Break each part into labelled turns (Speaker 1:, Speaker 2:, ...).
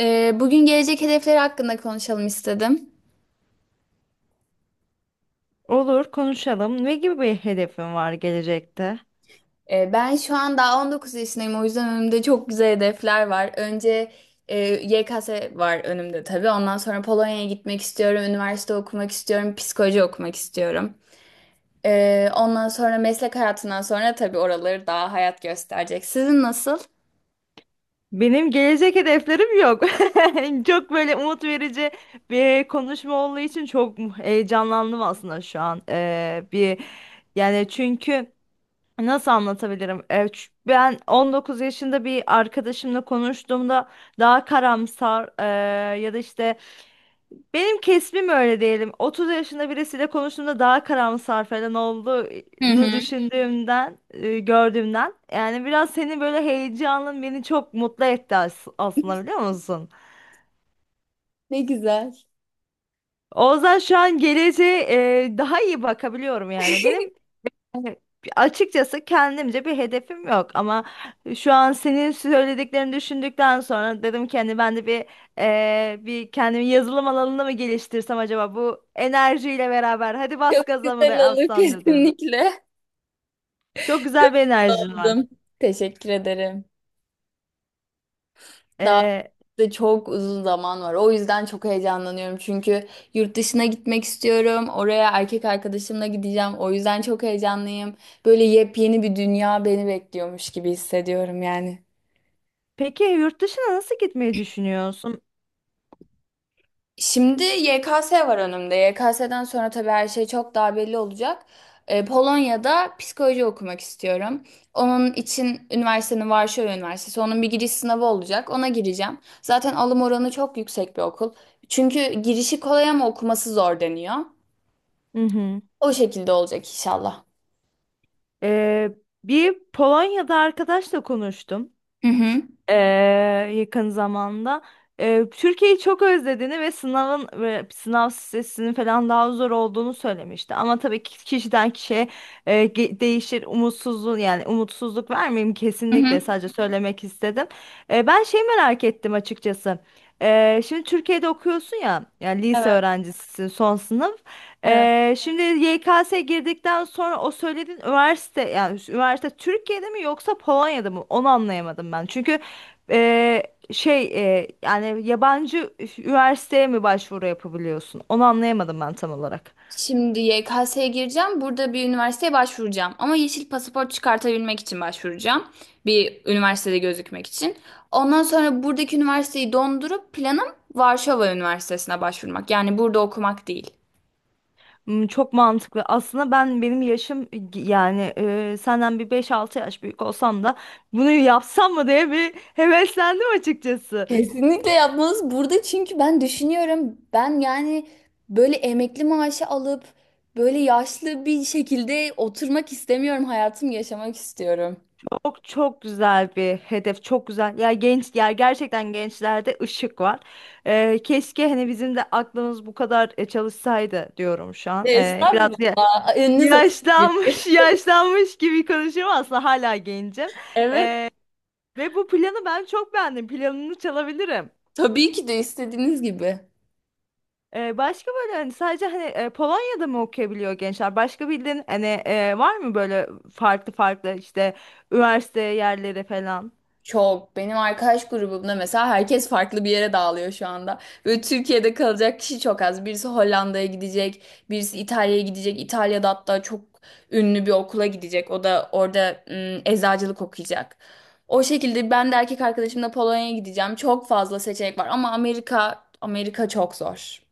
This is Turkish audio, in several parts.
Speaker 1: Bugün gelecek hedefleri hakkında konuşalım istedim.
Speaker 2: Olur, konuşalım. Ne gibi bir hedefin var gelecekte?
Speaker 1: Ben şu an daha 19 yaşındayım o yüzden önümde çok güzel hedefler var. Önce e, YKS var önümde tabii. Ondan sonra Polonya'ya gitmek istiyorum, üniversite okumak istiyorum, psikoloji okumak istiyorum. Ondan sonra meslek hayatından sonra tabii oraları daha hayat gösterecek. Sizin nasıl?
Speaker 2: Benim gelecek hedeflerim yok. Çok böyle umut verici bir konuşma olduğu için çok heyecanlandım aslında şu an. Bir yani, çünkü nasıl anlatabilirim? Ben 19 yaşında bir arkadaşımla konuştuğumda daha karamsar, ya da işte benim kesbim öyle diyelim. 30 yaşında birisiyle konuştuğumda daha karamsar falan
Speaker 1: Hı
Speaker 2: olduğunu
Speaker 1: hı.
Speaker 2: düşündüğümden, gördüğümden. Yani biraz senin böyle heyecanın beni çok mutlu etti aslında, biliyor musun?
Speaker 1: Ne güzel.
Speaker 2: O yüzden şu an geleceğe, daha iyi bakabiliyorum yani. Benim Hani Açıkçası kendimce bir hedefim yok, ama şu an senin söylediklerini düşündükten sonra dedim ki hani ben de bir kendimi yazılım alanında mı geliştirsem acaba, bu enerjiyle beraber hadi bas
Speaker 1: Çok
Speaker 2: gaza mı da
Speaker 1: güzel olur
Speaker 2: alsam dedim.
Speaker 1: kesinlikle.
Speaker 2: Çok
Speaker 1: Çok
Speaker 2: güzel bir enerjin var.
Speaker 1: oldum. Teşekkür ederim. Daha
Speaker 2: Eee,
Speaker 1: de çok uzun zaman var. O yüzden çok heyecanlanıyorum. Çünkü yurt dışına gitmek istiyorum. Oraya erkek arkadaşımla gideceğim. O yüzden çok heyecanlıyım. Böyle yepyeni bir dünya beni bekliyormuş gibi hissediyorum yani.
Speaker 2: peki yurt dışına nasıl gitmeyi düşünüyorsun?
Speaker 1: Şimdi YKS var önümde. YKS'den sonra tabii her şey çok daha belli olacak. Polonya'da psikoloji okumak istiyorum. Onun için üniversitenin Varşova Üniversitesi. Onun bir giriş sınavı olacak. Ona gireceğim. Zaten alım oranı çok yüksek bir okul. Çünkü girişi kolay ama okuması zor deniyor.
Speaker 2: Hı hı.
Speaker 1: O şekilde olacak inşallah.
Speaker 2: Ee, Bir Polonya'da arkadaşla konuştum,
Speaker 1: Hı hı.
Speaker 2: ee, yakın zamanda. Türkiye'yi çok özlediğini ve sınav stresinin falan daha zor olduğunu söylemişti. Ama tabii ki kişiden kişiye, değişir. Umutsuzluğu, yani umutsuzluk vermeyeyim
Speaker 1: Hı
Speaker 2: kesinlikle,
Speaker 1: hı.
Speaker 2: sadece söylemek istedim. Ben şey merak ettim açıkçası. Şimdi Türkiye'de okuyorsun ya, yani lise
Speaker 1: Evet,
Speaker 2: öğrencisisin, son sınıf.
Speaker 1: evet.
Speaker 2: Şimdi YKS girdikten sonra o söylediğin üniversite, yani üniversite Türkiye'de mi yoksa Polonya'da mı? Onu anlayamadım ben. Çünkü e, şey yani yabancı üniversiteye mi başvuru yapabiliyorsun? Onu anlayamadım ben tam olarak.
Speaker 1: Şimdi YKS'ye gireceğim. Burada bir üniversiteye başvuracağım. Ama yeşil pasaport çıkartabilmek için başvuracağım. Bir üniversitede gözükmek için. Ondan sonra buradaki üniversiteyi dondurup planım Varşova Üniversitesi'ne başvurmak. Yani burada okumak değil.
Speaker 2: Hmm, çok mantıklı. Aslında benim yaşım yani, senden bir beş altı yaş büyük olsam da bunu yapsam mı diye bir heveslendim açıkçası.
Speaker 1: Kesinlikle yapmanız burada çünkü ben düşünüyorum. Ben yani böyle emekli maaşı alıp böyle yaşlı bir şekilde oturmak istemiyorum. Hayatımı yaşamak istiyorum.
Speaker 2: Çok çok güzel bir hedef, çok güzel. Ya genç, ya gerçekten gençlerde ışık var. Keşke hani bizim de aklımız bu kadar, çalışsaydı diyorum şu
Speaker 1: Ne
Speaker 2: an. Biraz
Speaker 1: estağfurullah. Önünüz açık. Güldür.
Speaker 2: yaşlanmış, yaşlanmış gibi konuşuyorum, aslında hala gencim.
Speaker 1: Evet.
Speaker 2: Ve bu planı ben çok beğendim. Planını çalabilirim.
Speaker 1: Tabii ki de istediğiniz gibi.
Speaker 2: Başka böyle, sadece hani, Polonya'da mı okuyabiliyor gençler? Başka bildiğin hani, var mı böyle farklı farklı işte üniversite yerleri falan?
Speaker 1: Çok. Benim arkadaş grubumda mesela herkes farklı bir yere dağılıyor şu anda. Böyle Türkiye'de kalacak kişi çok az. Birisi Hollanda'ya gidecek, birisi İtalya'ya gidecek. İtalya'da hatta çok ünlü bir okula gidecek. O da orada eczacılık okuyacak. O şekilde ben de erkek arkadaşımla Polonya'ya gideceğim. Çok fazla seçenek var ama Amerika Amerika çok zor.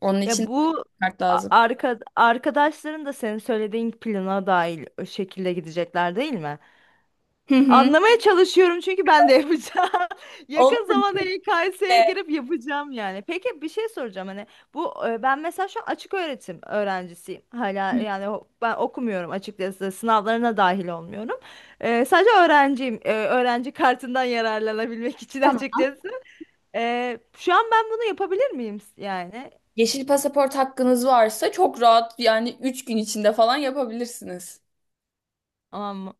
Speaker 1: Onun
Speaker 2: Ya
Speaker 1: için
Speaker 2: bu
Speaker 1: şart lazım.
Speaker 2: arkadaşların da senin söylediğin plana dahil o şekilde gidecekler, değil mi?
Speaker 1: Hı hı.
Speaker 2: Anlamaya çalışıyorum çünkü ben de yapacağım. Yakın
Speaker 1: Olur.
Speaker 2: zamanda YKS'ye girip yapacağım yani. Peki bir şey soracağım, hani bu, ben mesela şu an açık öğretim öğrencisiyim. Hala yani ben okumuyorum açıkçası, sınavlarına dahil olmuyorum. E, sadece öğrenciyim. E, öğrenci kartından yararlanabilmek için
Speaker 1: Tamam.
Speaker 2: açıkçası. E, şu an ben bunu yapabilir miyim yani?
Speaker 1: Yeşil pasaport hakkınız varsa çok rahat yani 3 gün içinde falan yapabilirsiniz.
Speaker 2: Aman.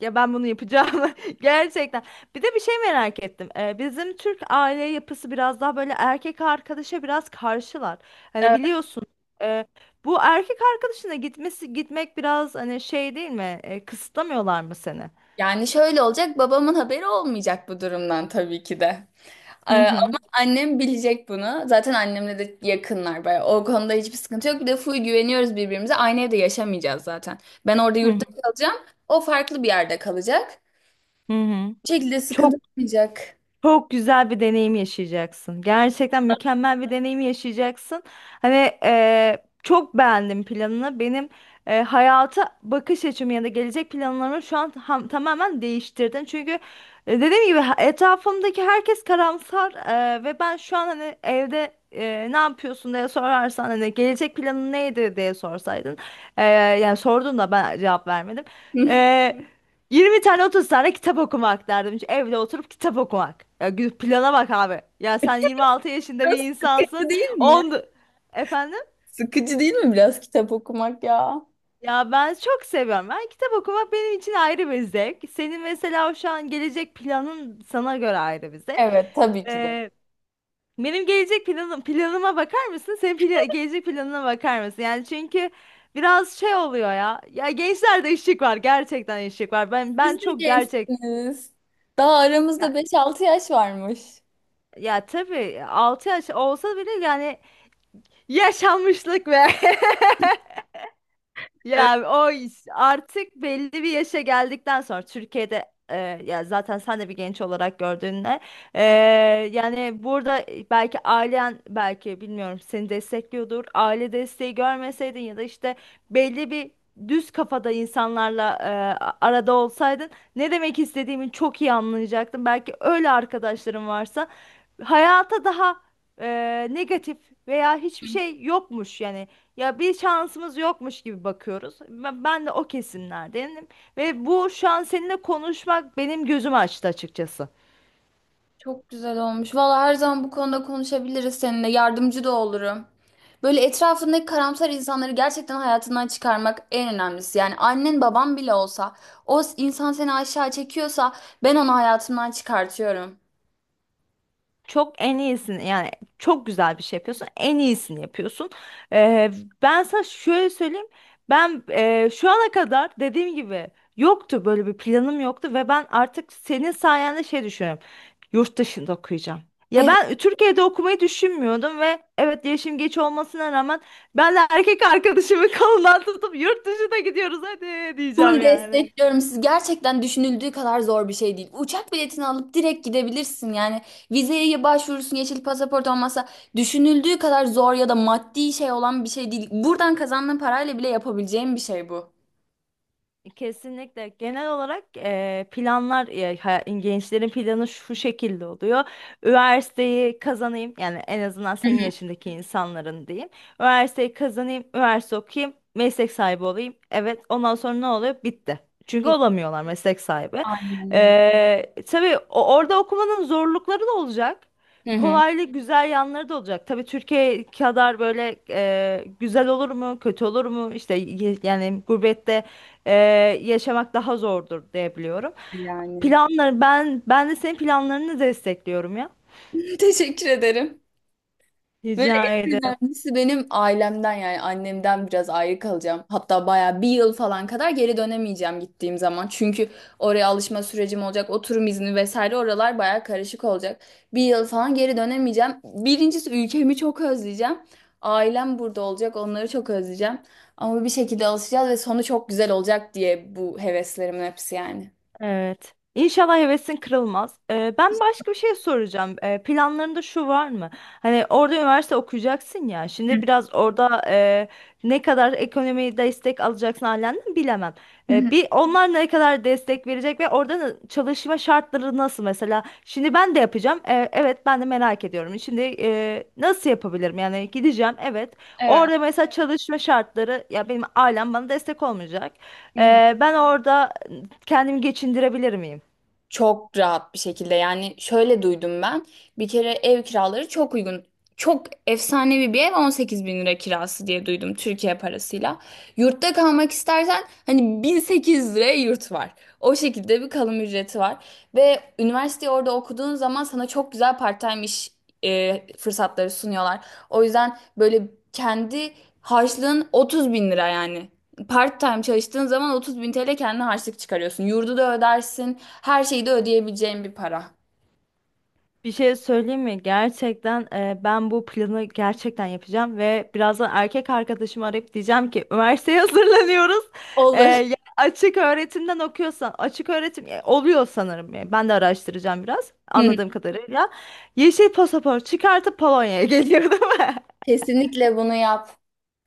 Speaker 2: Ya ben bunu yapacağım gerçekten. Bir de bir şey merak ettim. Bizim Türk aile yapısı biraz daha böyle erkek arkadaşa biraz karşılar. Hani
Speaker 1: Evet.
Speaker 2: biliyorsun, e, bu erkek arkadaşına gitmesi gitmek biraz hani şey değil mi? E, kısıtlamıyorlar mı seni?
Speaker 1: Yani şöyle olacak babamın haberi olmayacak bu durumdan tabii ki de. Ee,
Speaker 2: Hı hı.
Speaker 1: ama annem bilecek bunu. Zaten annemle de yakınlar bayağı. O konuda hiçbir sıkıntı yok. Bir de full güveniyoruz birbirimize. Aynı evde yaşamayacağız zaten. Ben orada
Speaker 2: Hı hı.
Speaker 1: yurtta kalacağım. O farklı bir yerde kalacak.
Speaker 2: Hı hı.
Speaker 1: Bu şekilde sıkıntı
Speaker 2: Çok
Speaker 1: olmayacak.
Speaker 2: Çok güzel bir deneyim yaşayacaksın. Gerçekten mükemmel bir deneyim yaşayacaksın. Hani çok beğendim planını. Benim hayata bakış açımı ya da gelecek planlarımı şu an tamamen değiştirdin. Çünkü dediğim gibi, etrafımdaki herkes karamsar, ve ben şu an hani evde, ne yapıyorsun diye sorarsan, hani gelecek planın neydi diye sorsaydın. eee, Yani sordun da ben cevap vermedim. 20 tane 30 tane kitap okumak derdim. Şu evde oturup kitap okumak. Ya plana bak abi. Ya sen 26 yaşında bir
Speaker 1: Biraz
Speaker 2: insansın.
Speaker 1: sıkıcı değil mi?
Speaker 2: 10 Efendim?
Speaker 1: Sıkıcı değil mi biraz kitap okumak ya?
Speaker 2: Ya ben çok seviyorum. Ben kitap okumak benim için ayrı bir zevk. Senin mesela şu an gelecek planın sana göre ayrı bir zevk.
Speaker 1: Evet tabii ki de.
Speaker 2: Ee, Benim gelecek planım, planıma bakar mısın? Senin gelecek planına bakar mısın? Yani çünkü biraz şey oluyor ya. Ya gençlerde işçilik var. Gerçekten işçilik var. Ben
Speaker 1: Siz
Speaker 2: ben
Speaker 1: de
Speaker 2: çok gerçek.
Speaker 1: gençsiniz. Daha aramızda 5-6 yaş varmış.
Speaker 2: Ya tabii 6 yaş olsa bile, yani yaşanmışlık be.
Speaker 1: Evet.
Speaker 2: Ya o artık belli bir yaşa geldikten sonra Türkiye'de, ya zaten sen de bir genç olarak gördüğünde, e, yani burada, belki ailen, belki bilmiyorum, seni destekliyordur. Aile desteği görmeseydin ya da işte belli bir düz kafada insanlarla, arada olsaydın, ne demek istediğimi çok iyi anlayacaktın. Belki öyle arkadaşların varsa hayata daha, e, negatif veya hiçbir şey yokmuş, yani ya bir şansımız yokmuş gibi bakıyoruz. Ben de o kesimlerdenim ve bu şu an seninle konuşmak benim gözümü açtı açıkçası.
Speaker 1: Çok güzel olmuş. Valla her zaman bu konuda konuşabiliriz seninle. Yardımcı da olurum. Böyle etrafındaki karamsar insanları gerçekten hayatından çıkarmak en önemlisi. Yani annen baban bile olsa o insan seni aşağı çekiyorsa ben onu hayatımdan çıkartıyorum.
Speaker 2: En iyisini yani, çok güzel bir şey yapıyorsun. En iyisini yapıyorsun. Ee, Ben sana şöyle söyleyeyim. Ben, şu ana kadar dediğim gibi böyle bir planım yoktu ve ben artık senin sayende şey düşünüyorum. Yurt dışında okuyacağım. Ya ben Türkiye'de okumayı düşünmüyordum ve evet, yaşım geç olmasına rağmen ben de erkek arkadaşımı kolundan tutup yurt dışına gidiyoruz hadi diyeceğim
Speaker 1: Full
Speaker 2: yani.
Speaker 1: destekliyorum. Siz gerçekten düşünüldüğü kadar zor bir şey değil. Uçak biletini alıp direkt gidebilirsin. Yani vizeye başvurursun, yeşil pasaport olmasa düşünüldüğü kadar zor ya da maddi şey olan bir şey değil. Buradan kazandığın parayla bile yapabileceğin bir şey bu.
Speaker 2: Kesinlikle. Genel olarak planlar, gençlerin planı şu şekilde oluyor. Üniversiteyi kazanayım, yani en azından
Speaker 1: Hı
Speaker 2: senin
Speaker 1: hı.
Speaker 2: yaşındaki insanların diyeyim. Üniversiteyi kazanayım, üniversite okuyayım, meslek sahibi olayım. Evet, ondan sonra ne oluyor? Bitti. Çünkü olamıyorlar meslek sahibi.
Speaker 1: Aynen öyle.
Speaker 2: Tabii orada okumanın zorlukları da olacak.
Speaker 1: Hı hı.
Speaker 2: Kolaylı güzel yanları da olacak. Tabii Türkiye kadar böyle güzel olur mu, kötü olur mu? İşte yani gurbette, e, yaşamak daha zordur diye biliyorum.
Speaker 1: Yani.
Speaker 2: Planları, ben de senin planlarını destekliyorum ya.
Speaker 1: Teşekkür ederim. Böyle
Speaker 2: Rica
Speaker 1: en
Speaker 2: ederim.
Speaker 1: önemlisi benim ailemden yani annemden biraz ayrı kalacağım. Hatta baya bir yıl falan kadar geri dönemeyeceğim gittiğim zaman. Çünkü oraya alışma sürecim olacak, oturum izni vesaire oralar baya karışık olacak. Bir yıl falan geri dönemeyeceğim. Birincisi ülkemi çok özleyeceğim. Ailem burada olacak, onları çok özleyeceğim. Ama bir şekilde alışacağız ve sonu çok güzel olacak diye bu heveslerimin hepsi yani.
Speaker 2: Evet. İnşallah hevesin kırılmaz. Ben başka bir şey soracağım. Planlarında şu var mı? Hani orada üniversite okuyacaksın ya. Şimdi biraz orada, ne kadar ekonomiyi destek alacaksın halinden bilemem.
Speaker 1: Hı hı.
Speaker 2: Bir onlar ne kadar destek verecek ve orada çalışma şartları nasıl mesela? Şimdi ben de yapacağım. Evet, ben de merak ediyorum. Şimdi, nasıl yapabilirim? Yani gideceğim. Evet.
Speaker 1: Evet.
Speaker 2: Orada mesela çalışma şartları, ya benim ailem bana destek olmayacak.
Speaker 1: Hı hı.
Speaker 2: Ben orada kendimi geçindirebilir miyim?
Speaker 1: Çok rahat bir şekilde yani şöyle duydum ben, bir kere ev kiraları çok uygun, çok efsanevi bir ev 18 bin lira kirası diye duydum Türkiye parasıyla. Yurtta kalmak istersen hani 1.008 liraya yurt var, o şekilde bir kalım ücreti var. Ve üniversiteyi orada okuduğun zaman sana çok güzel part-time iş fırsatları sunuyorlar. O yüzden böyle kendi harçlığın 30 bin lira yani part time çalıştığın zaman 30 bin TL kendine harçlık çıkarıyorsun. Yurdu da ödersin. Her şeyi de ödeyebileceğin bir para.
Speaker 2: Bir şey söyleyeyim mi? Gerçekten, ben bu planı gerçekten yapacağım ve birazdan erkek arkadaşımı arayıp diyeceğim ki üniversiteye hazırlanıyoruz. E,
Speaker 1: Olur.
Speaker 2: ya açık öğretimden okuyorsan, açık öğretim, oluyor sanırım. E, ben de araştıracağım biraz
Speaker 1: Hı.
Speaker 2: anladığım kadarıyla. Yeşil pasaport çıkartıp Polonya'ya geliyor değil mi?
Speaker 1: Kesinlikle bunu yap.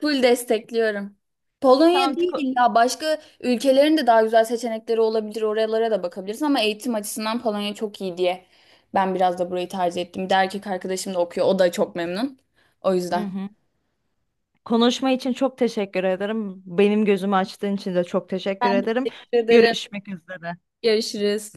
Speaker 1: Full destekliyorum. Polonya
Speaker 2: Tamam.
Speaker 1: değil
Speaker 2: ko-
Speaker 1: illa başka ülkelerin de daha güzel seçenekleri olabilir. Oralara da bakabilirsin ama eğitim açısından Polonya çok iyi diye ben biraz da burayı tercih ettim. Bir de erkek arkadaşım da okuyor. O da çok memnun. O
Speaker 2: Hı
Speaker 1: yüzden.
Speaker 2: hı. Konuşma için çok teşekkür ederim. Benim gözümü açtığın için de çok teşekkür
Speaker 1: Ben
Speaker 2: ederim.
Speaker 1: teşekkür ederim.
Speaker 2: Görüşmek üzere.
Speaker 1: Görüşürüz.